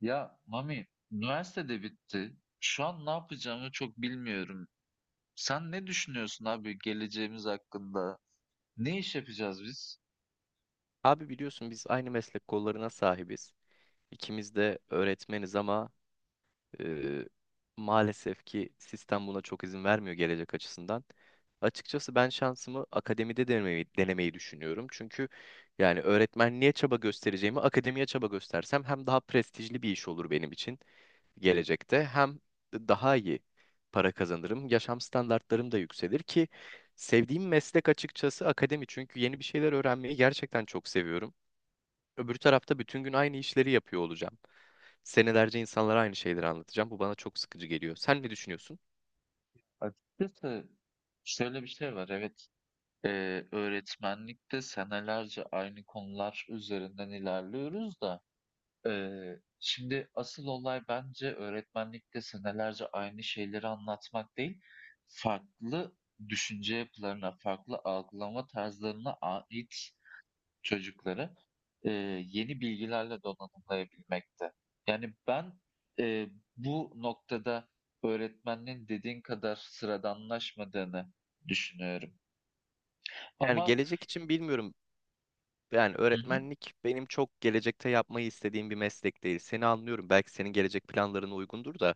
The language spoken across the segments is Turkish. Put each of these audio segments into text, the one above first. Ya Mami, üniversitede bitti. Şu an ne yapacağımı çok bilmiyorum. Sen ne düşünüyorsun abi geleceğimiz hakkında? Ne iş yapacağız biz? Abi biliyorsun biz aynı meslek kollarına sahibiz. İkimiz de öğretmeniz ama e, maalesef ki sistem buna çok izin vermiyor gelecek açısından. Açıkçası ben şansımı akademide denemeyi düşünüyorum. Çünkü yani öğretmenliğe çaba göstereceğimi akademiye çaba göstersem hem daha prestijli bir iş olur benim için gelecekte hem daha iyi para kazanırım. Yaşam standartlarım da yükselir ki sevdiğim meslek açıkçası akademi. Çünkü yeni bir şeyler öğrenmeyi gerçekten çok seviyorum. Öbür tarafta bütün gün aynı işleri yapıyor olacağım. Senelerce insanlara aynı şeyleri anlatacağım. Bu bana çok sıkıcı geliyor. Sen ne düşünüyorsun? Açıkçası şöyle bir şey var. Evet, öğretmenlikte senelerce aynı konular üzerinden ilerliyoruz da şimdi asıl olay bence öğretmenlikte senelerce aynı şeyleri anlatmak değil, farklı düşünce yapılarına, farklı algılama tarzlarına ait çocukları e, yeni bilgilerle donanımlayabilmekte. Yani ben e, bu noktada öğretmenin dediğin kadar sıradanlaşmadığını düşünüyorum. Yani Ama gelecek için bilmiyorum. Yani hı hı. öğretmenlik benim çok gelecekte yapmayı istediğim bir meslek değil. Seni anlıyorum. Belki senin gelecek planlarına uygundur da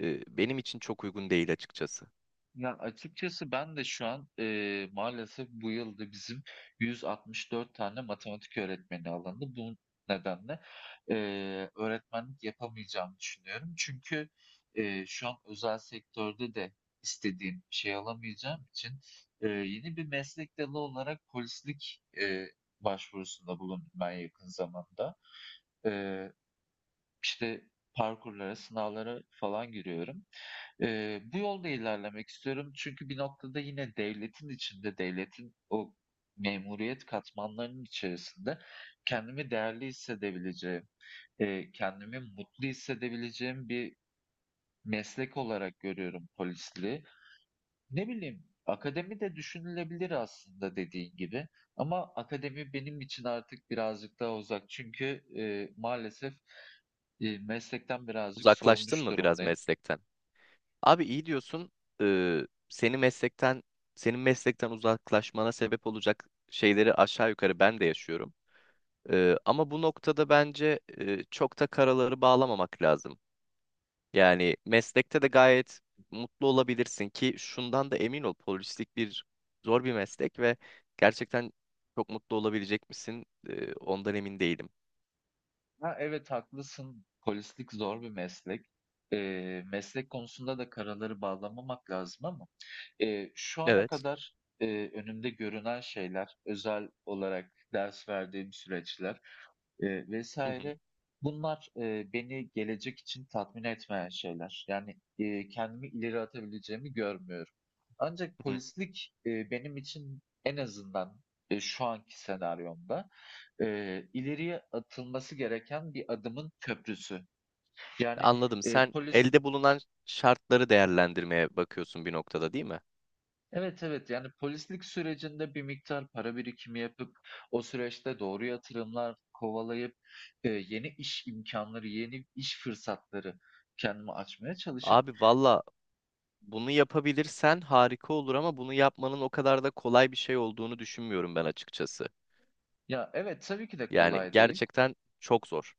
benim için çok uygun değil açıkçası. Yani açıkçası ben de şu an, maalesef bu yıl da bizim 164 tane matematik öğretmeni alındı. Bu nedenle, öğretmenlik yapamayacağımı düşünüyorum. Çünkü, şu an özel sektörde de istediğim şey alamayacağım için, yeni bir meslek dalı olarak polislik, başvurusunda bulundum ben yakın zamanda. Eee, işte parkurlara, sınavlara falan giriyorum. Bu yolda ilerlemek istiyorum çünkü bir noktada yine devletin içinde, devletin o memuriyet katmanlarının içerisinde kendimi değerli hissedebileceğim, kendimi mutlu hissedebileceğim bir meslek olarak görüyorum polisliği. Ne bileyim, akademi de düşünülebilir aslında dediğin gibi ama akademi benim için artık birazcık daha uzak çünkü maalesef meslekten birazcık Uzaklaştın soğumuş mı biraz durumdayım. meslekten? Abi iyi diyorsun. E, seni meslekten senin meslekten uzaklaşmana sebep olacak şeyleri aşağı yukarı ben de yaşıyorum. Ama bu noktada bence çok da karaları bağlamamak lazım. Yani meslekte de gayet mutlu olabilirsin ki şundan da emin ol polislik bir zor bir meslek ve gerçekten çok mutlu olabilecek misin? Ondan emin değilim. Ha, evet haklısın. Polislik zor bir meslek. Meslek konusunda da karaları bağlamamak lazım ama şu ana Evet. kadar önümde görünen şeyler, özel olarak ders verdiğim süreçler Hı hı, vesaire bunlar beni gelecek için tatmin etmeyen şeyler. Yani kendimi ileri atabileceğimi görmüyorum. Ancak hı hı. polislik benim için en azından şu anki senaryomda ileriye atılması gereken bir adımın köprüsü. Yani, Anladım. Sen polis elde bulunan şartları değerlendirmeye bakıyorsun bir noktada değil mi? Evet, evet, yani, polislik sürecinde bir miktar para birikimi yapıp o süreçte doğru yatırımlar kovalayıp, yeni iş imkanları, yeni iş fırsatları kendimi açmaya çalışıp. Abi valla bunu yapabilirsen harika olur ama bunu yapmanın o kadar da kolay bir şey olduğunu düşünmüyorum ben açıkçası. Ya, evet, tabii ki de Yani kolay değil. gerçekten çok zor.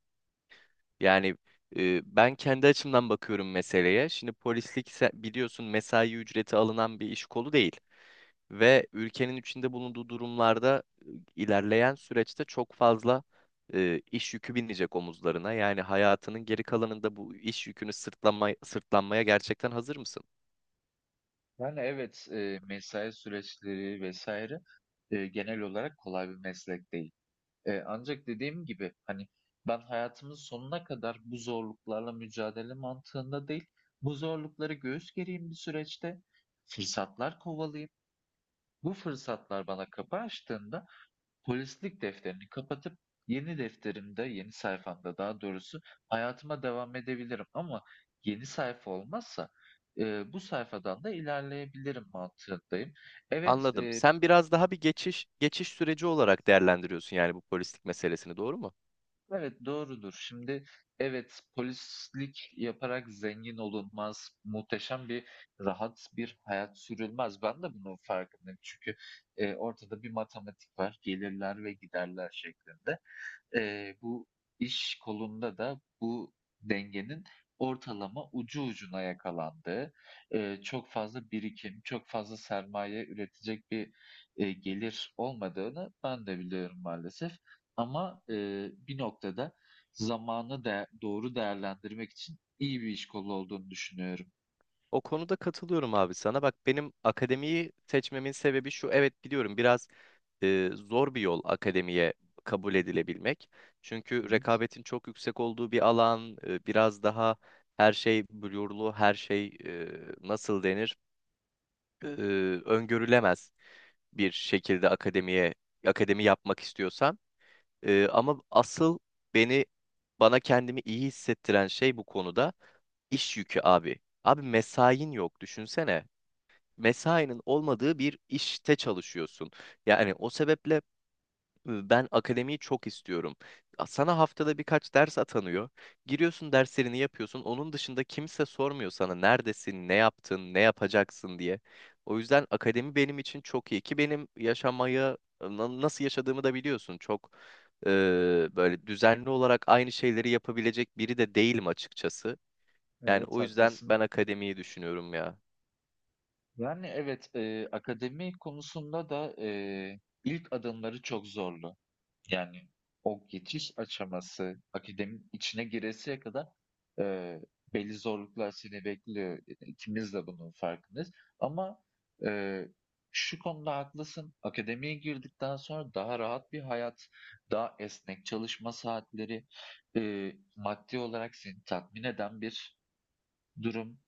Yani ben kendi açımdan bakıyorum meseleye. Şimdi biliyorsun mesai ücreti alınan bir iş kolu değil. Ve ülkenin içinde bulunduğu durumlarda ilerleyen süreçte çok fazla iş yükü binecek omuzlarına. Yani hayatının geri kalanında bu iş yükünü sırtlanmaya gerçekten hazır mısın? Yani, evet, mesai süreçleri vesaire genel olarak kolay bir meslek değil. Ancak dediğim gibi, hani, ben hayatımın sonuna kadar bu zorluklarla mücadele mantığında değil, bu zorlukları göğüs gereyim bir süreçte, fırsatlar kovalayayım. Bu fırsatlar bana kapı açtığında polislik defterini kapatıp yeni defterimde, yeni sayfamda daha doğrusu hayatıma devam edebilirim ama yeni sayfa olmazsa, bu sayfadan da ilerleyebilirim mantığındayım. Evet, Anladım. eee Sen biraz daha bir geçiş süreci olarak değerlendiriyorsun yani bu polislik meselesini, doğru mu? Evet, doğrudur. Şimdi evet, polislik yaparak zengin olunmaz, muhteşem bir, rahat bir hayat sürülmez. Ben de bunun farkındayım çünkü, ortada bir matematik var, gelirler ve giderler şeklinde bu iş kolunda da bu dengenin ortalama ucu ucuna yakalandığı, çok fazla birikim, çok fazla sermaye üretecek bir, gelir olmadığını ben de biliyorum maalesef. Ama, bir noktada zamanı da doğru değerlendirmek için iyi bir iş kolu olduğunu düşünüyorum. O konuda katılıyorum abi sana. Bak benim akademiyi seçmemin sebebi şu. Evet biliyorum biraz zor bir yol akademiye kabul edilebilmek. Çünkü Evet, rekabetin çok yüksek olduğu bir alan, biraz daha her şey blurlu, her şey nasıl denir, e, öngörülemez bir şekilde akademi yapmak istiyorsan. Ama asıl beni bana kendimi iyi hissettiren şey bu konuda iş yükü abi. Abi mesain yok düşünsene mesainin olmadığı bir işte çalışıyorsun. Yani o sebeple ben akademiyi çok istiyorum. Sana haftada birkaç ders atanıyor. Giriyorsun derslerini yapıyorsun. Onun dışında kimse sormuyor sana neredesin, ne yaptın, ne yapacaksın diye. O yüzden akademi benim için çok iyi ki benim yaşamayı nasıl yaşadığımı da biliyorsun. Çok e, böyle düzenli olarak aynı şeyleri yapabilecek biri de değilim açıkçası. Yani evet o yüzden haklısın. ben akademiyi düşünüyorum ya. Yani evet, akademi konusunda da ilk adımları çok zorlu. Yani o geçiş aşaması, akademinin içine giresiye kadar eee, belli zorluklar seni bekliyor. E, İkimiz de bunun farkındayız. Ama eee, şu konuda haklısın. Akademiye girdikten sonra daha rahat bir hayat, daha esnek çalışma saatleri, maddi olarak seni tatmin eden bir durum.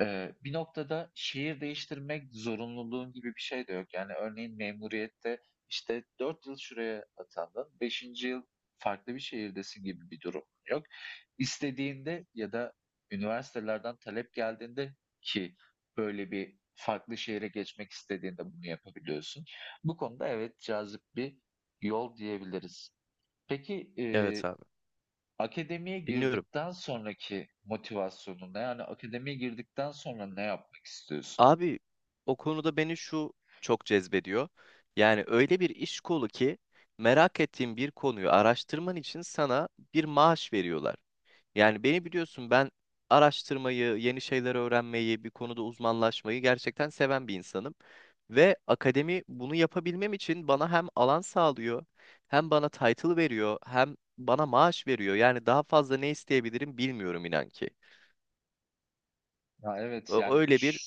Bir noktada şehir değiştirmek zorunluluğun gibi bir şey de yok. Yani örneğin memuriyette işte 4 yıl şuraya atandın, beşinci yıl farklı bir şehirdesin gibi bir durum yok. İstediğinde ya da üniversitelerden talep geldiğinde ki böyle bir farklı şehre geçmek istediğinde bunu yapabiliyorsun. Bu konuda evet cazip bir yol diyebiliriz. Peki eee Evet abi. Akademiye Dinliyorum. girdikten sonraki motivasyonun, yani akademiye girdikten sonra ne yapmak istiyorsun? Abi o konuda beni şu çok cezbediyor. Yani öyle bir iş kolu ki merak ettiğin bir konuyu araştırman için sana bir maaş veriyorlar. Yani beni biliyorsun ben araştırmayı, yeni şeyler öğrenmeyi, bir konuda uzmanlaşmayı gerçekten seven bir insanım. Ve akademi bunu yapabilmem için bana hem alan sağlıyor, hem bana title veriyor, hem bana maaş veriyor. Yani daha fazla ne isteyebilirim bilmiyorum inan ki. Ya evet Ö- yani Öyle bir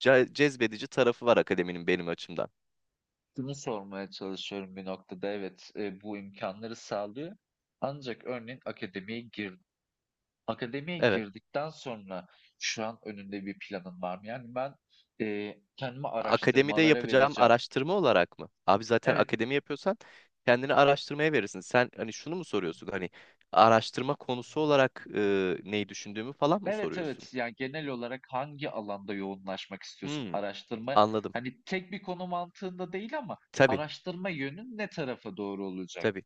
cezbedici tarafı var akademinin benim açımdan. şunu sormaya çalışıyorum bir noktada. Evet, bu imkanları sağlıyor. Ancak örneğin akademiye Evet. girdikten sonra şu an önünde bir planın var mı? Yani ben kendimi Akademide araştırmalara yapacağım vereceğim. araştırma olarak mı? Abi zaten Evet. akademi yapıyorsan kendini araştırmaya verirsin. Sen hani şunu mu soruyorsun? Hani araştırma konusu olarak neyi düşündüğümü falan mı Evet, soruyorsun? evet. Yani genel olarak hangi alanda yoğunlaşmak istiyorsun? Hmm, Araştırma, anladım. hani tek bir konu mantığında değil ama Tabii, araştırma yönün ne tarafa doğru olacak? tabii.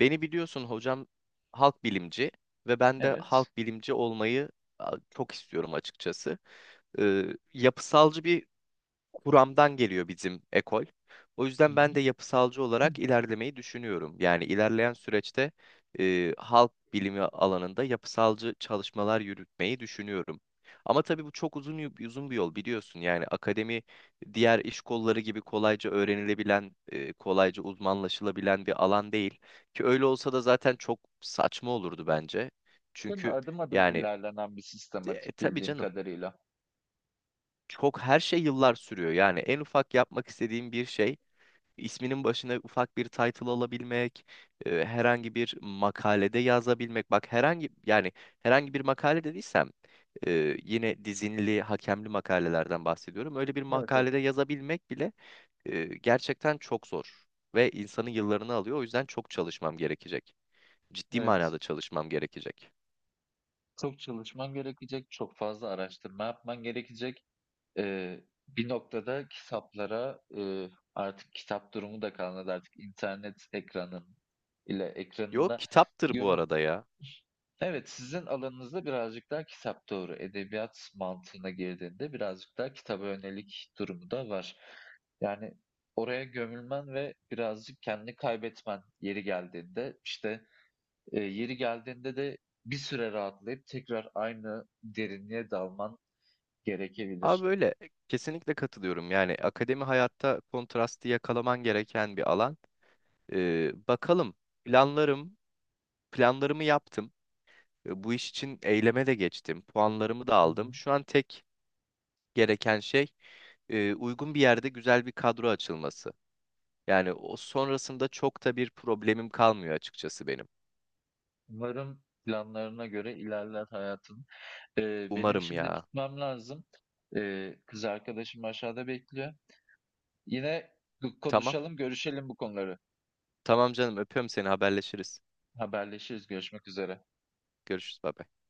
Beni biliyorsun hocam halk bilimci ve ben de Evet. halk bilimci olmayı çok istiyorum açıkçası. E, yapısalcı bir kuramdan geliyor bizim ekol. O Hı yüzden ben de hı. yapısalcı Hı. olarak ilerlemeyi düşünüyorum. Yani ilerleyen süreçte halk bilimi alanında yapısalcı çalışmalar yürütmeyi düşünüyorum. Ama tabii bu çok uzun bir yol biliyorsun. Yani akademi diğer iş kolları gibi kolayca öğrenilebilen, kolayca uzmanlaşılabilen bir alan değil. Ki öyle olsa da zaten çok saçma olurdu bence. Değil mi? Çünkü Adım adım yani ilerlenen bir sistematik tabii bildiğim canım kadarıyla. çok her şey yıllar sürüyor. Yani en ufak yapmak istediğim bir şey isminin başına ufak bir title alabilmek, herhangi bir makalede yazabilmek. Bak herhangi yani herhangi bir makale dediysem yine dizinli, hakemli makalelerden bahsediyorum. Öyle bir Evet, makalede evet. yazabilmek bile gerçekten çok zor ve insanın yıllarını alıyor. O yüzden çok çalışmam gerekecek. Ciddi Evet. manada çalışmam gerekecek. Çok çalışman gerekecek, çok fazla araştırma yapman gerekecek. Ee, bir noktada kitaplara artık kitap durumu da kalmadı, artık internet Yok ekranında kitaptır bu gömün. arada ya. Evet, sizin alanınızda birazcık daha kitap doğru. Edebiyat mantığına girdiğinde birazcık daha kitaba yönelik durumu da var. Yani oraya gömülmen ve birazcık kendini kaybetmen yeri geldiğinde işte yeri geldiğinde de bir süre rahatlayıp tekrar aynı derinliğe dalman Abi gerekebilir. böyle kesinlikle katılıyorum. Yani akademi hayatta kontrastı yakalaman gereken bir alan. Bakalım planlarım planlarımı yaptım. Bu iş için eyleme de geçtim. Puanlarımı da Hı. aldım. Şu an tek gereken şey uygun bir yerde güzel bir kadro açılması. Yani o sonrasında çok da bir problemim kalmıyor açıkçası benim. Umarım planlarına göre ilerler hayatın. E, benim Umarım şimdi ya. gitmem lazım. E, kız arkadaşım aşağıda bekliyor. Yine Tamam. konuşalım, görüşelim bu konuları. Tamam canım öpüyorum seni haberleşiriz. Haberleşiriz. Görüşmek üzere. Görüşürüz. Bye bye.